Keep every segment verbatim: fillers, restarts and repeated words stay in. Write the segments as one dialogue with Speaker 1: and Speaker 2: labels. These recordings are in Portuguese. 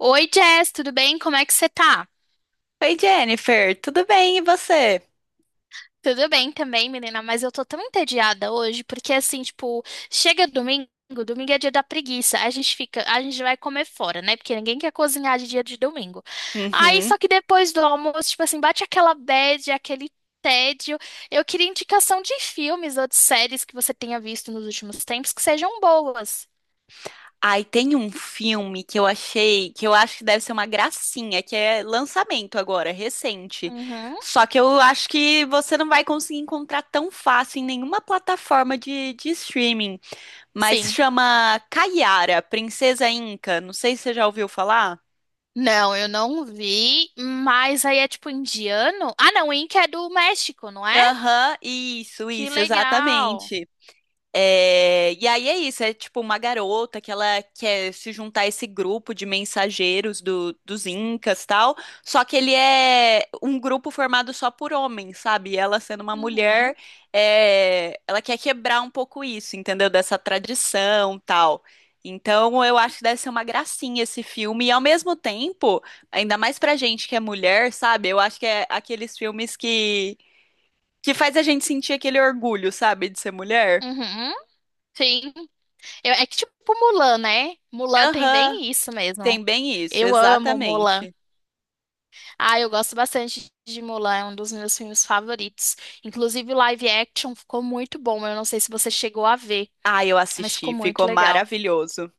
Speaker 1: Oi, Jess, tudo bem? Como é que você tá?
Speaker 2: Oi, Jennifer, tudo bem? E você?
Speaker 1: Tudo bem também, menina, mas eu tô tão entediada hoje, porque assim, tipo, chega domingo, domingo é dia da preguiça, a gente fica, a gente vai comer fora, né? Porque ninguém quer cozinhar de dia de domingo. Aí,
Speaker 2: Uhum.
Speaker 1: só que depois do almoço, tipo assim, bate aquela bad, aquele tédio. Eu queria indicação de filmes ou de séries que você tenha visto nos últimos tempos que sejam boas.
Speaker 2: Ai, tem um filme que eu achei, que eu acho que deve ser uma gracinha, que é lançamento agora, recente.
Speaker 1: Uhum,
Speaker 2: Só que eu acho que você não vai conseguir encontrar tão fácil em nenhuma plataforma de, de streaming, mas
Speaker 1: sim.
Speaker 2: chama Kaiara, Princesa Inca. Não sei se você já ouviu falar.
Speaker 1: Não, eu não vi, mas aí é tipo indiano? Ah, não, Inca é do México, não é?
Speaker 2: Aham, isso,
Speaker 1: Que
Speaker 2: isso,
Speaker 1: legal.
Speaker 2: exatamente. É, e aí é isso, é tipo uma garota que ela quer se juntar a esse grupo de mensageiros do- dos Incas tal, só que ele é um grupo formado só por homens, sabe? E ela sendo uma mulher,
Speaker 1: Uhum.
Speaker 2: é, ela quer quebrar um pouco isso, entendeu? Dessa tradição tal. Então eu acho que deve ser uma gracinha esse filme, e ao mesmo tempo, ainda mais pra gente que é mulher, sabe? Eu acho que é aqueles filmes que, que faz a gente sentir aquele orgulho, sabe, de ser mulher.
Speaker 1: Uhum. Sim. Eu- é que tipo Mulan, né? Mulan tem
Speaker 2: Aham.
Speaker 1: bem isso mesmo.
Speaker 2: Tem bem isso,
Speaker 1: Eu amo Mulan.
Speaker 2: exatamente.
Speaker 1: Ah, eu gosto bastante de Mulan, é um dos meus filmes favoritos. Inclusive, o live action ficou muito bom. Eu não sei se você chegou a ver,
Speaker 2: Ah, eu
Speaker 1: mas ficou
Speaker 2: assisti,
Speaker 1: muito
Speaker 2: ficou
Speaker 1: legal.
Speaker 2: maravilhoso.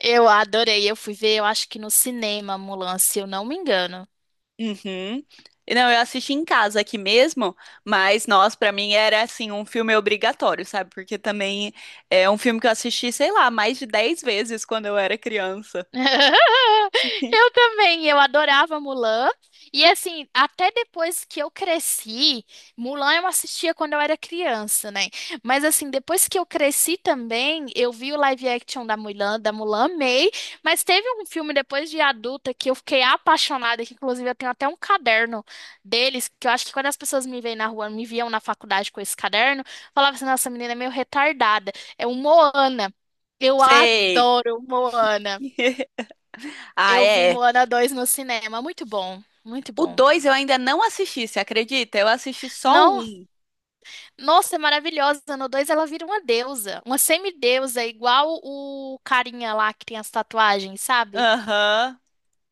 Speaker 1: Eu adorei. Eu fui ver, eu acho que no cinema, Mulan, se eu não me engano.
Speaker 2: Uhum. E não, eu assisti em casa aqui mesmo, mas nós, pra mim, era assim, um filme obrigatório, sabe? Porque também é um filme que eu assisti, sei lá, mais de dez vezes quando eu era criança.
Speaker 1: Eu também, eu adorava Mulan. E assim, até depois que eu cresci, Mulan eu assistia quando eu era criança, né? Mas assim, depois que eu cresci também, eu vi o live action da Mulan, da Mulan, amei. Mas teve um filme depois de adulta que eu fiquei apaixonada, que inclusive eu tenho até um caderno deles, que eu acho que quando as pessoas me veem na rua, me viam na faculdade com esse caderno, falava assim, nossa, a menina é meio retardada. É o Moana. Eu
Speaker 2: Sei.
Speaker 1: adoro Moana.
Speaker 2: Ah,
Speaker 1: Eu vi
Speaker 2: é.
Speaker 1: Moana dois no cinema, muito bom, muito
Speaker 2: O
Speaker 1: bom.
Speaker 2: dois eu ainda não assisti, você acredita? Eu assisti só
Speaker 1: Não,
Speaker 2: um.
Speaker 1: nossa, é maravilhosa. No dois ela vira uma deusa, uma semideusa, igual o carinha lá que tem as tatuagens, sabe?
Speaker 2: Aham.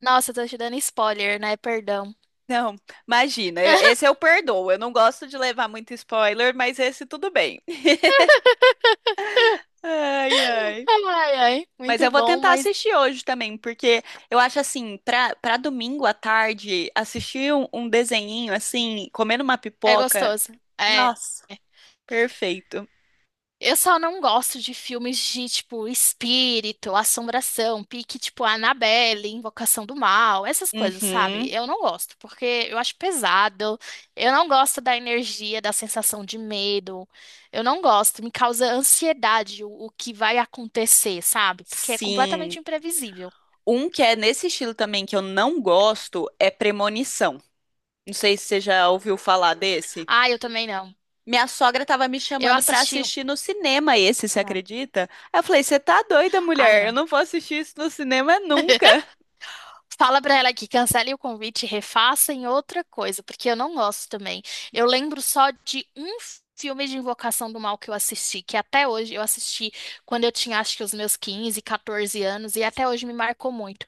Speaker 1: Nossa, eu tô te dando spoiler, né? Perdão.
Speaker 2: Não, imagina, eu- esse eu perdoo. Eu não gosto de levar muito spoiler, mas esse tudo bem. Ai, ai.
Speaker 1: Ai, ai,
Speaker 2: Mas
Speaker 1: muito
Speaker 2: eu vou
Speaker 1: bom,
Speaker 2: tentar
Speaker 1: mas
Speaker 2: assistir hoje também, porque eu acho assim, pra, pra domingo à tarde, assistir um, um desenhinho assim, comendo uma
Speaker 1: é
Speaker 2: pipoca.
Speaker 1: gostoso. É.
Speaker 2: Nossa, perfeito.
Speaker 1: Eu só não gosto de filmes de, tipo, espírito, assombração, pique, tipo, Annabelle, Invocação do Mal, essas coisas, sabe?
Speaker 2: Uhum,
Speaker 1: Eu não gosto, porque eu acho pesado, eu não gosto da energia, da sensação de medo, eu não gosto, me causa ansiedade o, o que vai acontecer, sabe? Porque é
Speaker 2: sim.
Speaker 1: completamente imprevisível.
Speaker 2: Um que é nesse estilo também que eu não gosto é Premonição. Não sei se você já ouviu falar desse.
Speaker 1: Ah, eu também não.
Speaker 2: Minha sogra tava me
Speaker 1: Eu
Speaker 2: chamando pra
Speaker 1: assisti. um-
Speaker 2: assistir no cinema esse, você
Speaker 1: Não.
Speaker 2: acredita? Aí eu falei, você tá doida,
Speaker 1: Ai,
Speaker 2: mulher? Eu
Speaker 1: não.
Speaker 2: não vou assistir isso no cinema nunca.
Speaker 1: Fala pra ela que cancele o convite e refaça em outra coisa, porque eu não gosto também. Eu lembro só de um filme de Invocação do Mal que eu assisti, que até hoje eu assisti quando eu tinha acho que os meus quinze quatorze anos, e até hoje me marcou muito.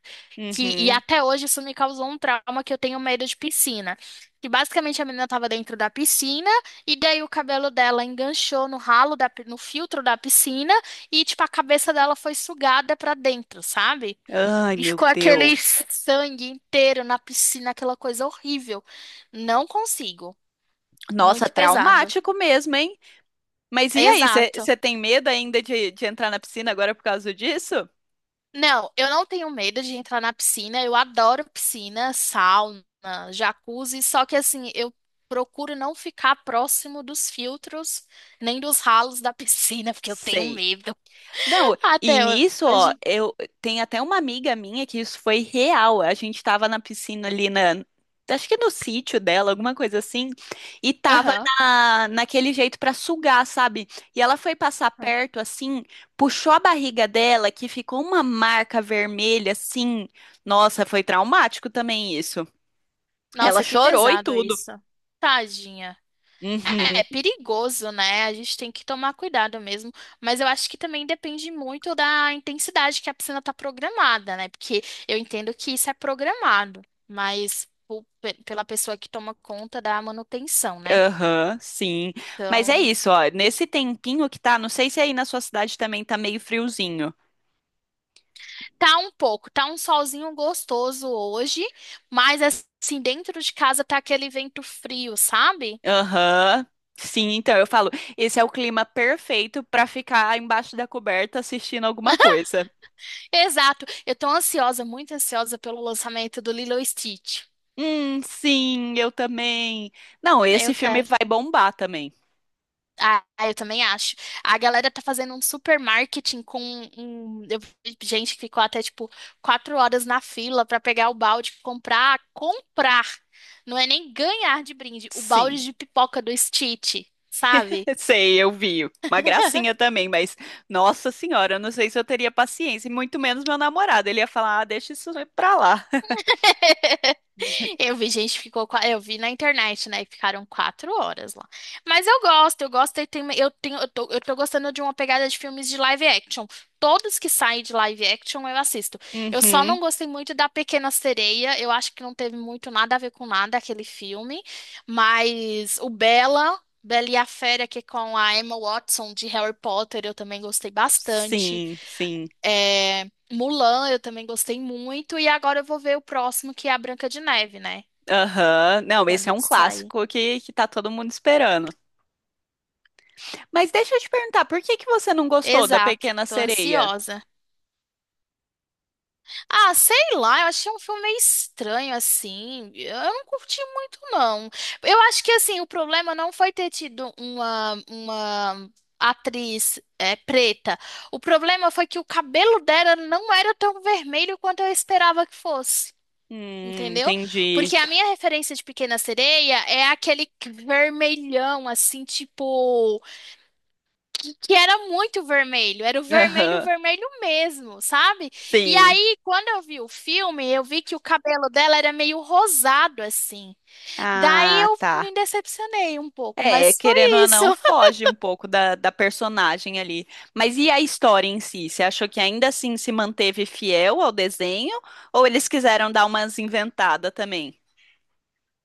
Speaker 1: Que, e
Speaker 2: Uhum.
Speaker 1: até hoje isso me causou um trauma que eu tenho medo de piscina. Que basicamente a menina estava dentro da piscina e daí o cabelo dela enganchou no ralo da, pi- no filtro da piscina e tipo a cabeça dela foi sugada pra dentro, sabe?
Speaker 2: Ai, meu
Speaker 1: Ficou aquele
Speaker 2: Deus.
Speaker 1: sangue inteiro na piscina, aquela coisa horrível. Não consigo.
Speaker 2: Nossa,
Speaker 1: Muito pesado.
Speaker 2: traumático mesmo, hein? Mas e aí,
Speaker 1: Exato.
Speaker 2: você tem medo ainda de, de entrar na piscina agora por causa disso?
Speaker 1: Não, eu não tenho medo de entrar na piscina. Eu adoro piscina, sauna, jacuzzi. Só que assim, eu procuro não ficar próximo dos filtros, nem dos ralos da piscina, porque eu tenho
Speaker 2: Sei.
Speaker 1: medo.
Speaker 2: Não, e
Speaker 1: Até
Speaker 2: nisso, ó,
Speaker 1: hoje.
Speaker 2: eu tem até uma amiga minha que isso foi real. A gente tava na piscina ali na, acho que no sítio dela, alguma coisa assim, e tava
Speaker 1: Aham.
Speaker 2: na, naquele jeito pra sugar, sabe? E ela foi passar
Speaker 1: Aham.
Speaker 2: perto assim, puxou a barriga dela, que ficou uma marca vermelha assim. Nossa, foi traumático também isso. Ela
Speaker 1: Nossa, que
Speaker 2: chorou e
Speaker 1: pesado
Speaker 2: tudo.
Speaker 1: isso. Tadinha. É
Speaker 2: Uhum,
Speaker 1: é perigoso, né? A gente tem que tomar cuidado mesmo. Mas eu acho que também depende muito da intensidade que a piscina tá programada, né? Porque eu entendo que isso é programado, mas po- pe- pela pessoa que toma conta da manutenção, né?
Speaker 2: aham, sim. Mas é
Speaker 1: Então,
Speaker 2: isso, ó. Nesse tempinho que tá, não sei se aí na sua cidade também tá meio friozinho.
Speaker 1: tá um pouco, tá um solzinho gostoso hoje, mas assim, dentro de casa tá aquele vento frio, sabe?
Speaker 2: Aham. Sim, então eu falo, esse é o clima perfeito pra ficar embaixo da coberta assistindo alguma coisa.
Speaker 1: Exato. Eu tô ansiosa, muito ansiosa pelo lançamento do Lilo e Stitch.
Speaker 2: Hum, sim, eu também. Não,
Speaker 1: Eu
Speaker 2: esse filme
Speaker 1: quero.
Speaker 2: vai bombar também.
Speaker 1: Ah, eu também acho. A galera tá fazendo um super marketing com um, eu vi gente que ficou até tipo quatro horas na fila pra pegar o balde, comprar, comprar. Não é nem ganhar de brinde, o
Speaker 2: Sim,
Speaker 1: balde de pipoca do Stitch, sabe?
Speaker 2: sei, eu vi. Uma gracinha também, mas nossa senhora, eu não sei se eu teria paciência, e muito menos meu namorado. Ele ia falar, ah, deixa isso pra lá.
Speaker 1: Eu vi gente que ficou, qua- eu vi na internet, né, que ficaram quatro horas lá. Mas eu gosto, eu gosto, e tem- eu tenho, eu tô, eu tô gostando de uma pegada de filmes de live action. Todos que saem de live action eu assisto. Eu só não
Speaker 2: Uhum.
Speaker 1: gostei muito da Pequena Sereia, eu acho que não teve muito nada a ver com nada aquele filme, mas o Bela, Bela e a Fera, que é com a Emma Watson de Harry Potter, eu também gostei bastante.
Speaker 2: Sim, sim.
Speaker 1: É, Mulan, eu também gostei muito, e agora eu vou ver o próximo, que é a Branca de Neve, né?
Speaker 2: Aham. Não, esse é
Speaker 1: Quando
Speaker 2: um
Speaker 1: sair.
Speaker 2: clássico que, que tá todo mundo esperando. Mas deixa eu te perguntar, por que que você não gostou da
Speaker 1: Exato,
Speaker 2: Pequena
Speaker 1: tô
Speaker 2: Sereia?
Speaker 1: ansiosa. Ah, sei lá, eu achei um filme meio estranho assim. Eu não curti muito, não. Eu acho que assim, o problema não foi ter tido uma, uma atriz é, preta. O problema foi que o cabelo dela não era tão vermelho quanto eu esperava que fosse.
Speaker 2: Hum,
Speaker 1: Entendeu?
Speaker 2: entendi.
Speaker 1: Porque a minha referência de Pequena Sereia é aquele vermelhão, assim, tipo, que, que era muito vermelho, era o vermelho,
Speaker 2: Aham,
Speaker 1: vermelho mesmo, sabe? E
Speaker 2: sim.
Speaker 1: aí, quando eu vi o filme, eu vi que o cabelo dela era meio rosado assim. Daí
Speaker 2: Ah,
Speaker 1: eu
Speaker 2: tá.
Speaker 1: me decepcionei um pouco,
Speaker 2: É,
Speaker 1: mas foi
Speaker 2: querendo ou
Speaker 1: isso.
Speaker 2: não, foge um pouco da, da personagem ali. Mas e a história em si? Você achou que ainda assim se manteve fiel ao desenho? Ou eles quiseram dar umas inventadas também?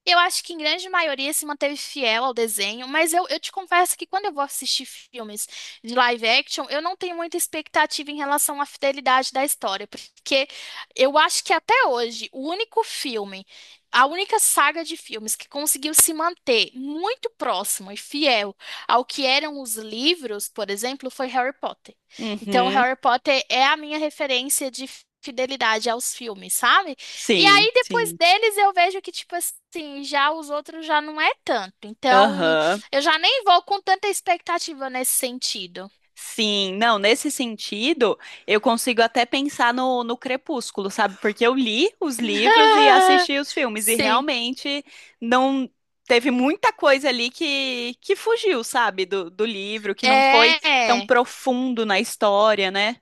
Speaker 1: Eu acho que em grande maioria se manteve fiel ao desenho, mas eu, eu te confesso que quando eu vou assistir filmes de live action, eu não tenho muita expectativa em relação à fidelidade da história, porque eu acho que até hoje o único filme, a única saga de filmes que conseguiu se manter muito próximo e fiel ao que eram os livros, por exemplo, foi Harry Potter. Então,
Speaker 2: Uhum,
Speaker 1: Harry Potter é a minha referência de fidelidade aos filmes, sabe? E
Speaker 2: sim,
Speaker 1: aí, depois
Speaker 2: sim.
Speaker 1: deles, eu vejo que, tipo assim, já os outros já não é tanto. Então,
Speaker 2: Aham.
Speaker 1: eu já nem vou com tanta expectativa nesse sentido.
Speaker 2: Sim, não, nesse sentido, eu consigo até pensar no, no Crepúsculo, sabe? Porque eu li os livros e assisti os filmes, e
Speaker 1: Sim.
Speaker 2: realmente não teve muita coisa ali que, que fugiu, sabe, do, do livro, que não foi tão
Speaker 1: É.
Speaker 2: profundo na história, né?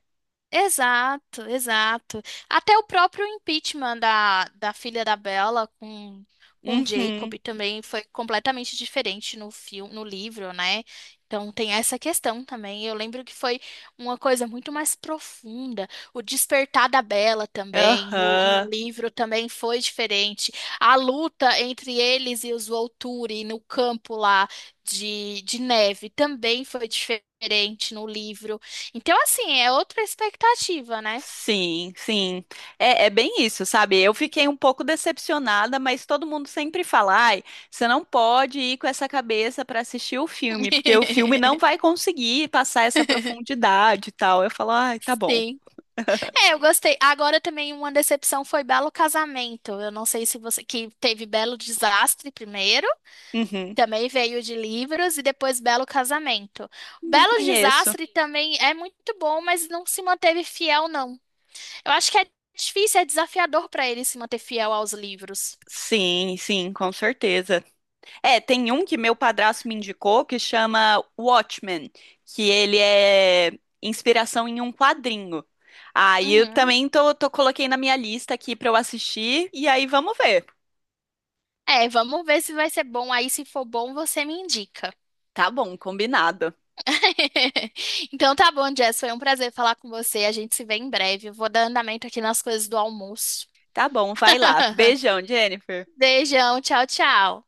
Speaker 1: Exato, exato. Até o próprio impeachment da, da filha da Bella com, com Jacob
Speaker 2: Uhum.
Speaker 1: também foi completamente diferente no filme, no livro, né? Então tem essa questão também. Eu lembro que foi uma coisa muito mais profunda. O despertar da Bella também, no, no
Speaker 2: Aham.
Speaker 1: livro também foi diferente. A luta entre eles e os Volturi no campo lá de, de neve também foi diferente no livro. Então, assim, é outra expectativa, né?
Speaker 2: Sim, sim. É, é bem isso, sabe? Eu fiquei um pouco decepcionada, mas todo mundo sempre fala, ai, você não pode ir com essa cabeça para assistir o filme, porque o filme não vai conseguir passar essa profundidade e tal. Eu falo, ai, tá bom.
Speaker 1: Sim. É, eu gostei. Agora também uma decepção foi Belo Casamento. Eu não sei se você. Que teve Belo Desastre primeiro,
Speaker 2: Uhum.
Speaker 1: também veio de livros, e depois Belo Casamento. O
Speaker 2: Não
Speaker 1: Belo
Speaker 2: conheço.
Speaker 1: Desastre também é muito bom, mas não se manteve fiel, não. Eu acho que é difícil, é desafiador para ele se manter fiel aos livros.
Speaker 2: Sim, sim, com certeza. É, tem um que meu padrasto me indicou que chama Watchmen, que ele é inspiração em um quadrinho. Aí eu
Speaker 1: Uhum.
Speaker 2: também tô, tô coloquei na minha lista aqui pra eu assistir e aí vamos ver.
Speaker 1: É, vamos ver se vai ser bom. Aí, se for bom, você me indica.
Speaker 2: Tá bom, combinado.
Speaker 1: Então tá bom, Jess. Foi um prazer falar com você. A gente se vê em breve. Eu vou dar andamento aqui nas coisas do almoço.
Speaker 2: Tá bom, vai lá. Beijão, Jennifer.
Speaker 1: Beijão, tchau, tchau.